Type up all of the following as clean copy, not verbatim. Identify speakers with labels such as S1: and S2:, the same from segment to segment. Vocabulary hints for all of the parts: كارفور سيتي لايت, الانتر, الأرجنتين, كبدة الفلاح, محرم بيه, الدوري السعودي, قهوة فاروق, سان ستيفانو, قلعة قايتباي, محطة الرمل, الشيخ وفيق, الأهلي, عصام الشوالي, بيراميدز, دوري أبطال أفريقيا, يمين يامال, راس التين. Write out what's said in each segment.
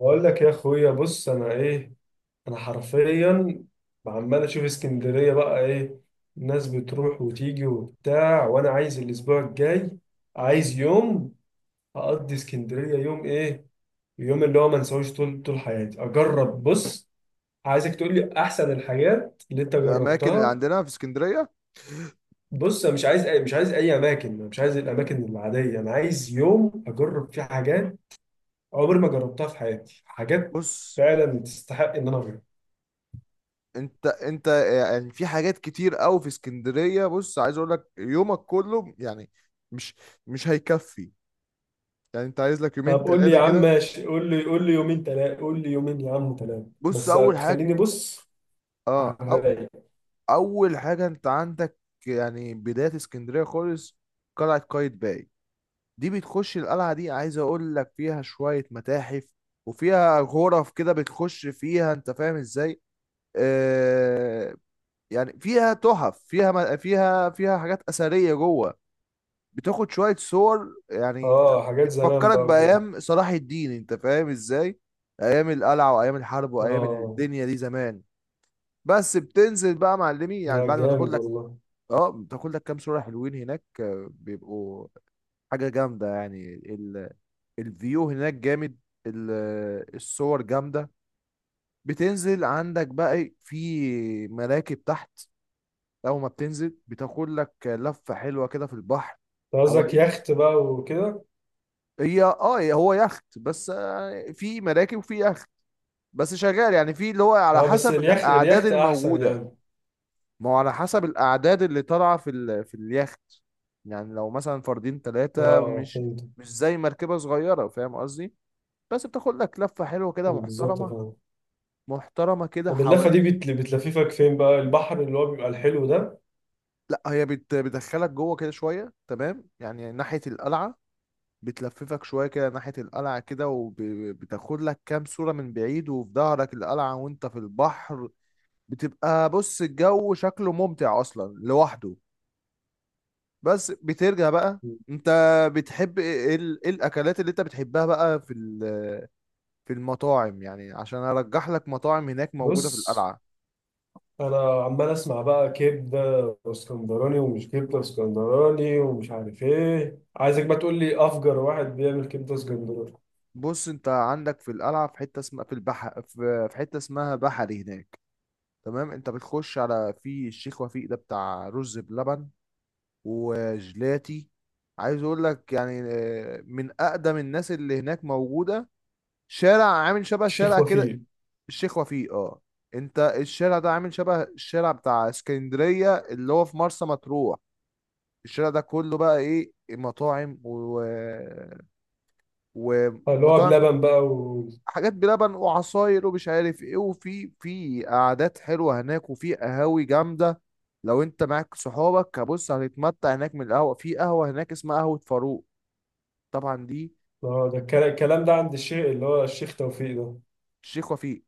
S1: بقول لك يا اخويا، بص انا ايه، انا حرفيا عمال اشوف اسكندريه بقى. ايه الناس بتروح وتيجي وبتاع، وانا عايز الاسبوع الجاي
S2: امم
S1: عايز يوم اقضي اسكندريه. يوم ايه؟ يوم اللي هو ما انساهوش طول طول حياتي. اجرب. بص، عايزك تقول لي احسن الحاجات اللي انت
S2: الاماكن اللي
S1: جربتها.
S2: عندنا في اسكندريه.
S1: بص انا مش عايز اي اماكن. أنا مش عايز الاماكن العاديه، انا عايز يوم اجرب فيه حاجات عمري ما جربتها في حياتي، حاجات
S2: بص،
S1: فعلا تستحق ان انا اجربها.
S2: انت يعني في حاجات كتير قوي في اسكندريه. بص عايز اقول لك يومك كله يعني مش مش هيكفي. يعني انت عايز لك يومين
S1: طب قول لي
S2: ثلاثه
S1: يا عم،
S2: كده.
S1: ماشي، قول لي يومين تلاتة، قول لي يومين يا عم تلاتة،
S2: بص،
S1: بس
S2: اول حاجه.
S1: تخليني بص على
S2: اه أو
S1: الرايق.
S2: اول حاجه، انت عندك يعني بدايه اسكندريه خالص قلعه قايتباي. دي بتخش القلعه دي، عايز اقول لك فيها شويه متاحف، وفيها غرف كده بتخش فيها انت فاهم ازاي. آه، يعني فيها تحف، فيها فيها حاجات أثرية جوه. بتاخد شوية صور يعني انت،
S1: اه حاجات زمان
S2: بتفكرك
S1: بقى وكده.
S2: بأيام صلاح الدين، انت فاهم ازاي، أيام القلعة وأيام الحرب وأيام
S1: اه،
S2: الدنيا دي زمان. بس بتنزل بقى معلمي يعني
S1: لا
S2: بعد ما تاخد
S1: جامد
S2: لك،
S1: والله.
S2: اه بتاخد لك كام صورة حلوين هناك، بيبقوا حاجة جامدة. يعني الفيو هناك جامد، ال... الصور جامدة. بتنزل عندك بقى إيه، في مراكب تحت. اول ما بتنزل بتاخد لك لفه حلوه كده في البحر
S1: انت قصدك
S2: حوالين.
S1: يخت بقى وكده.
S2: هي اه هو يخت، بس في مراكب وفي يخت، بس شغال يعني في اللي هو على
S1: اه بس
S2: حسب الاعداد
S1: اليخت احسن
S2: الموجوده.
S1: يعني.
S2: ما هو على حسب الاعداد اللي طالعه في في اليخت. يعني لو مثلا فردين ثلاثه،
S1: اه
S2: مش
S1: فهمت.
S2: مش زي مركبه صغيره، فاهم قصدي. بس بتاخد لك لفه حلوه كده
S1: بالظبط
S2: محترمه،
S1: فاهم.
S2: محترمه كده
S1: طب اللفة دي
S2: حوالين.
S1: بتلففك فين بقى؟ البحر اللي هو بيبقى الحلو ده؟
S2: لا هي بتدخلك جوه كده شويه، تمام، يعني ناحيه القلعه. بتلففك شوية كده ناحية القلعة كده، وبتاخد لك كام صورة من بعيد وفي ظهرك القلعة وانت في البحر. بتبقى بص الجو شكله ممتع أصلا لوحده. بس بترجع بقى انت، بتحب ايه، إيه ايه الأكلات اللي انت بتحبها بقى في في المطاعم، يعني عشان أرجح لك مطاعم هناك موجودة
S1: بص
S2: في القلعة.
S1: انا عمال اسمع بقى كبده اسكندراني، ومش كبده اسكندراني، ومش عارف ايه. عايزك بقى تقول لي افجر واحد بيعمل كبده اسكندراني.
S2: بص، انت عندك في القلعة في حتة اسمها في البحر، في في حتة اسمها بحري هناك، تمام. انت بتخش على في الشيخ وفيق ده بتاع رز بلبن وجلاتي. عايز اقول لك يعني من اقدم الناس اللي هناك موجوده. شارع عامل شبه
S1: الشيخ
S2: شارع كده،
S1: وفيق.
S2: الشيخ وفيق اه. انت الشارع ده عامل شبه الشارع بتاع اسكندريه اللي هو في مرسى مطروح. الشارع ده كله بقى ايه،
S1: اللي هو
S2: ومطاعم،
S1: بلبن بقى و...
S2: حاجات بلبن وعصاير ومش عارف ايه، وفي في قعدات حلوه هناك، وفي قهاوي جامده. لو انت معاك صحابك هبص هتتمتع هناك. من القهوه، في قهوه هناك اسمها قهوه فاروق، طبعا دي
S1: آه، ده الكلام ده عند الشيخ اللي هو الشيخ توفيق ده؟
S2: الشيخ وفيق.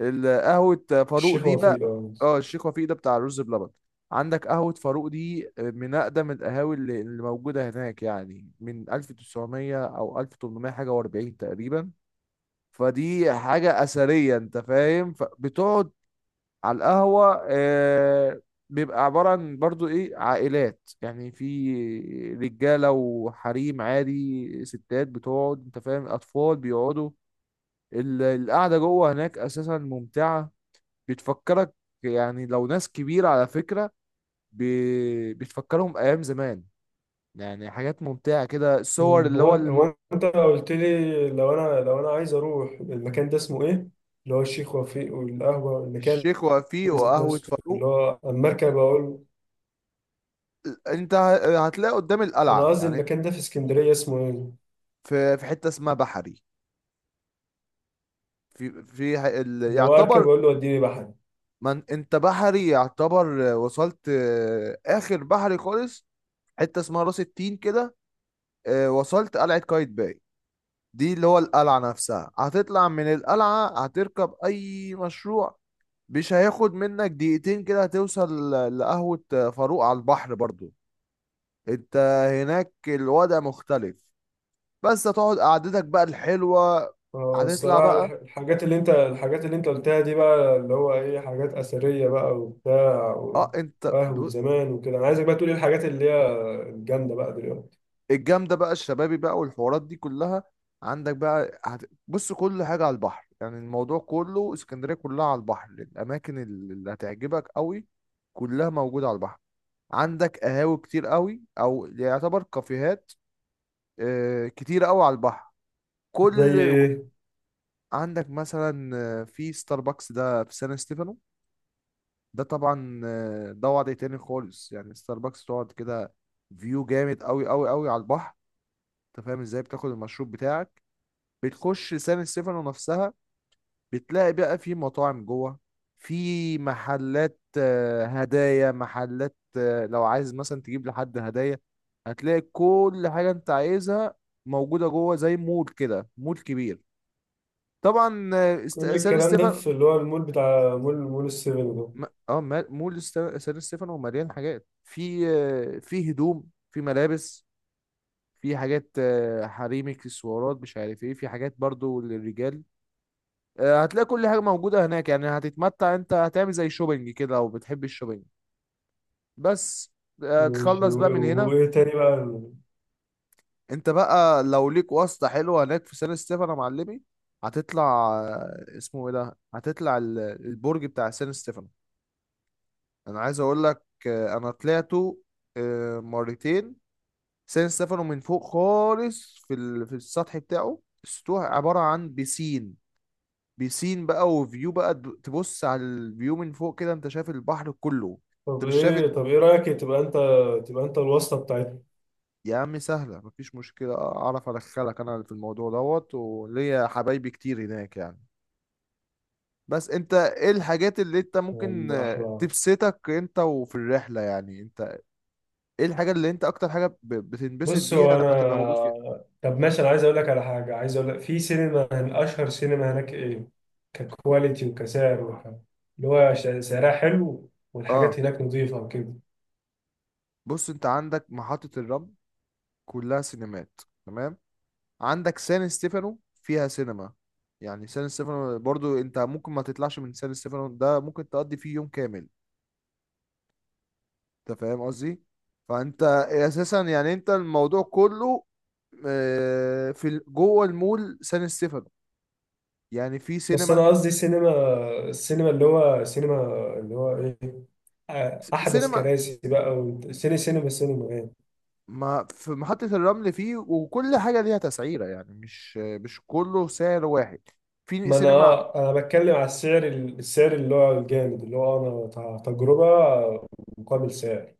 S2: القهوة فاروق
S1: الشيخ
S2: دي بقى،
S1: وفيق، اه.
S2: اه الشيخ وفيق ده بتاع الرز بلبن. عندك قهوة فاروق دي من أقدم القهاوي اللي موجودة هناك، يعني من 1900 أو 1800 حاجة و40 تقريبا. فدي حاجة أثرية أنت فاهم، فبتقعد على القهوة آه. بيبقى عبارة عن برضو إيه، عائلات يعني، في رجالة وحريم عادي، ستات بتقعد أنت فاهم، أطفال بيقعدوا. القعدة جوه هناك أساسا ممتعة، بتفكرك يعني لو ناس كبيرة على فكرة، بتفكرهم أيام زمان، يعني حاجات ممتعة كده، الصور
S1: مم،
S2: اللي
S1: هو
S2: هو
S1: انت قلت لي لو انا عايز اروح المكان ده اسمه ايه؟ اللي هو الشيخ وفيق والقهوه، المكان
S2: الشيخ وفيق
S1: ذات
S2: وقهوة
S1: نفسه اللي
S2: فاروق.
S1: هو المركب اقول.
S2: أنت هتلاقي قدام
S1: انا
S2: القلعة
S1: قصدي
S2: يعني،
S1: المكان ده في اسكندريه اسمه ايه؟
S2: في في حتة اسمها بحري. في في
S1: اللي هو اركب
S2: يعتبر
S1: اقول له وديني بحري.
S2: من أنت بحري يعتبر وصلت آخر بحري خالص، حتة اسمها راس التين كده. وصلت قلعة قايتباي، دي اللي هو القلعة نفسها. هتطلع من القلعة هتركب أي مشروع، مش هياخد منك دقيقتين كده هتوصل لقهوة فاروق على البحر برضو. انت هناك الوضع مختلف، بس هتقعد قعدتك بقى الحلوة.
S1: آه،
S2: هتطلع
S1: الصراحه
S2: بقى،
S1: الحاجات اللي انت، قلتها دي بقى، اللي هو ايه حاجات اثريه بقى وبتاع و-
S2: اه انت
S1: وقهوه
S2: ب-
S1: زمان وكده. انا عايزك بقى تقول ايه الحاجات اللي هي الجامده بقى دلوقتي؟
S2: الجامدة بقى، الشبابي بقى والحوارات دي كلها عندك بقى بص كل حاجة على البحر، يعني الموضوع كله اسكندرية كلها على البحر. الأماكن اللي هتعجبك قوي كلها موجودة على البحر. عندك قهاوي كتير قوي، او يعتبر كافيهات، كتير قوي على البحر،
S1: زي
S2: كل،
S1: ايه؟
S2: عندك مثلا في ستاربكس ده في سان ستيفانو. ده طبعا ده وضع تاني خالص، يعني ستاربكس تقعد كده، فيو جامد قوي قوي قوي على البحر، انت فاهم ازاي، بتاخد المشروب بتاعك. بتخش سان ستيفانو نفسها، بتلاقي بقى في مطاعم جوه، في محلات هدايا، محلات لو عايز مثلا تجيب لحد هدايا، هتلاقي كل حاجة انت عايزها موجودة جوه، زي مول كده مول كبير طبعا.
S1: كل
S2: سان
S1: الكلام ده
S2: ستيفانو،
S1: في اللي هو المول، بتاع مول السيفن ده؟
S2: مول سان ستيفانو مليان حاجات، في في هدوم، في ملابس، في حاجات حريمي، اكسسوارات مش عارف ايه، في حاجات برضو للرجال. هتلاقي كل حاجة موجودة هناك، يعني هتتمتع، انت هتعمل زي شوبينج كده لو بتحب الشوبينج. بس
S1: ماشي،
S2: تخلص بقى من
S1: و-
S2: هنا.
S1: وايه تاني بقى؟
S2: انت بقى لو ليك واسطة حلوة هناك في سان ستيفانو يا معلمي، هتطلع اسمه ايه ده، هتطلع البرج بتاع سان ستيفانو. انا عايز اقول لك انا طلعته مرتين. سان ستيفانو من فوق خالص في في السطح بتاعه. السطوح عبارة عن بيسين، بيسين بقى وفيو بقى، تبص على الفيو من فوق كده انت شايف البحر كله. انت
S1: طب
S2: مش شايف
S1: ايه،
S2: ال-
S1: رايك تبقى انت، الواسطه بتاعتنا؟
S2: يا عم سهلة، مفيش مشكلة، اعرف ادخلك انا في الموضوع دوت، وليا حبايبي كتير هناك يعني. بس انت ايه الحاجات اللي انت ممكن
S1: احلى.
S2: تبسطك انت وفي الرحلة، يعني انت ايه الحاجة اللي انت اكتر حاجة بتنبسط
S1: بص
S2: بيها
S1: هو
S2: لما تبقى موجود فيها؟
S1: انا، طب ماشي، انا عايز اقول لك على حاجه. عايز اقول لك في سينما، اشهر سينما هناك ايه ككواليتي وكسعر وك... اللي هو سعرها حلو والحاجات
S2: اه.
S1: هناك نظيفه وكده.
S2: بص انت عندك محطة الرمل كلها سينمات، تمام. عندك سان ستيفانو فيها سينما، يعني سان ستيفانو برضو انت ممكن ما تطلعش من سان ستيفانو ده، ممكن تقضي فيه يوم كامل، انت فاهم قصدي، فانت اساسا يعني انت الموضوع كله في جوه المول سان ستيفانو يعني في
S1: بس
S2: سينما.
S1: انا قصدي سينما، السينما اللي هو سينما اللي هو ايه آه، احدث
S2: سينما،
S1: كراسي بقى وسيني سينما، سينما يعني.
S2: ما في محطة الرمل فيه، وكل حاجة ليها تسعيرة يعني مش مش كله سعر واحد. في
S1: ما انا
S2: سينما،
S1: اه انا بتكلم على السعر، السعر اللي هو الجامد اللي هو انا تجربه مقابل سعر.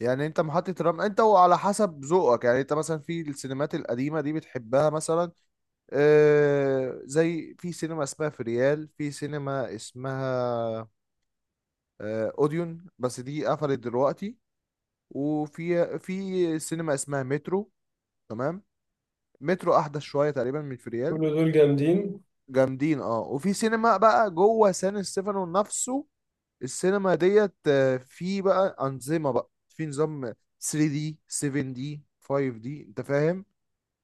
S2: يعني انت محطة الرمل انت وعلى حسب ذوقك، يعني انت مثلا في السينمات القديمة دي بتحبها مثلا، زي في سينما اسمها في ريال، في سينما اسمها اوديون، بس دي قفلت دلوقتي. وفي في سينما اسمها مترو، تمام، مترو احدث شويه تقريبا من في
S1: كل
S2: ريال.
S1: دول جامدين.
S2: جامدين اه، وفي سينما بقى جوه سان ستيفانو نفسه السينما ديت في بقى انظمه بقى، في نظام 3D 7D 5D انت فاهم،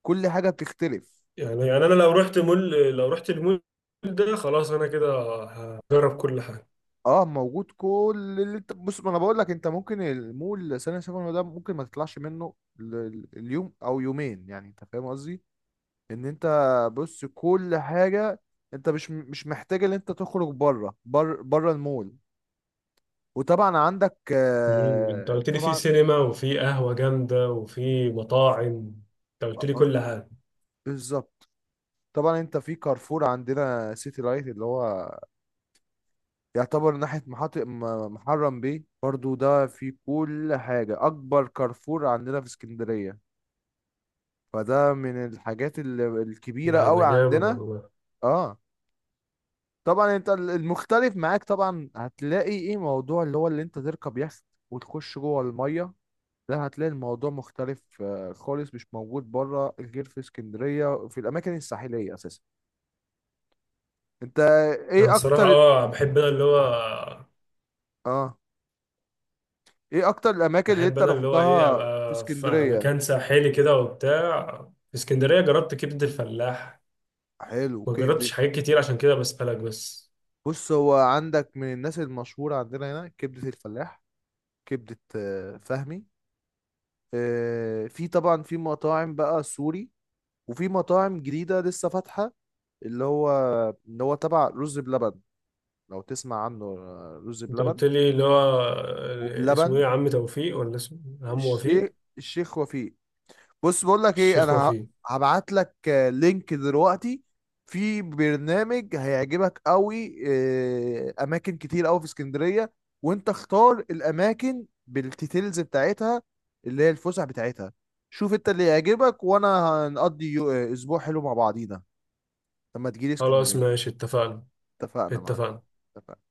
S2: كل حاجه بتختلف.
S1: يعني انا لو رحت مول، لو رحت المول ده خلاص انا كده هجرب كل حاجه.
S2: اه موجود كل اللي انت، بص ما انا بقول لك انت ممكن المول ثانية ثانوي ده ممكن ما تطلعش منه اليوم او يومين، يعني انت فاهم قصدي ان انت، بص كل حاجة، انت مش مش محتاج ان انت تخرج بره بره بره المول. وطبعا عندك
S1: مم، انت قلت لي في
S2: طبعا
S1: سينما وفي قهوه جامده وفي مطاعم. انت قلت
S2: آه،
S1: لي
S2: آه،
S1: كل حاجه.
S2: بالظبط. طبعا انت في كارفور عندنا سيتي لايت، اللي هو يعتبر ناحية محطة محرم بيه برضو، ده في كل حاجة، أكبر كارفور عندنا في اسكندرية، فده من الحاجات الكبيرة
S1: لا ده
S2: قوي
S1: جامد
S2: عندنا.
S1: والله.
S2: اه طبعا انت المختلف معاك، طبعا هتلاقي ايه موضوع اللي هو اللي انت تركب يخت وتخش جوه المية، ده هتلاقي الموضوع مختلف خالص، مش موجود بره غير في اسكندرية في الأماكن الساحلية أساسا. أنت
S1: انا
S2: إيه
S1: الصراحه
S2: أكتر،
S1: اه بحب انا اللي هو،
S2: آه إيه أكتر الأماكن اللي
S1: بحب
S2: أنت
S1: انا اللي هو ايه
S2: رحتها في
S1: ابقى في
S2: اسكندرية؟
S1: مكان ساحلي كده وبتاع. في اسكندريه جربت كبده الفلاح.
S2: حلو
S1: ما
S2: كبدة.
S1: جربتش حاجات كتير عشان كده بسألك بس.
S2: بص هو عندك من الناس المشهورة عندنا هنا كبدة الفلاح، كبدة فهمي، في طبعا في مطاعم بقى سوري، وفي مطاعم جديدة لسه فاتحة، اللي هو اللي هو تبع رز بلبن، لو تسمع عنه رز
S1: انت
S2: بلبن
S1: قلت لي اللي هو آه، اسمه
S2: وبلبن.
S1: ايه، عم توفيق ولا اسمه عم وفيق؟
S2: الشيخ، الشيخ وفيق. بص بقول لك ايه،
S1: الشيخ
S2: انا
S1: وفيق.
S2: هبعت لك لينك دلوقتي، في برنامج هيعجبك قوي اماكن كتير قوي في اسكندريه، وانت اختار الاماكن بالديتيلز بتاعتها اللي هي الفسح بتاعتها، شوف انت اللي يعجبك، وانا هنقضي اسبوع حلو مع بعضينا لما تجيلي
S1: خلاص،
S2: اسكندريه.
S1: ماشي، اتفقنا.
S2: اتفقنا معلم.
S1: اتفقنا.
S2: اتفقنا.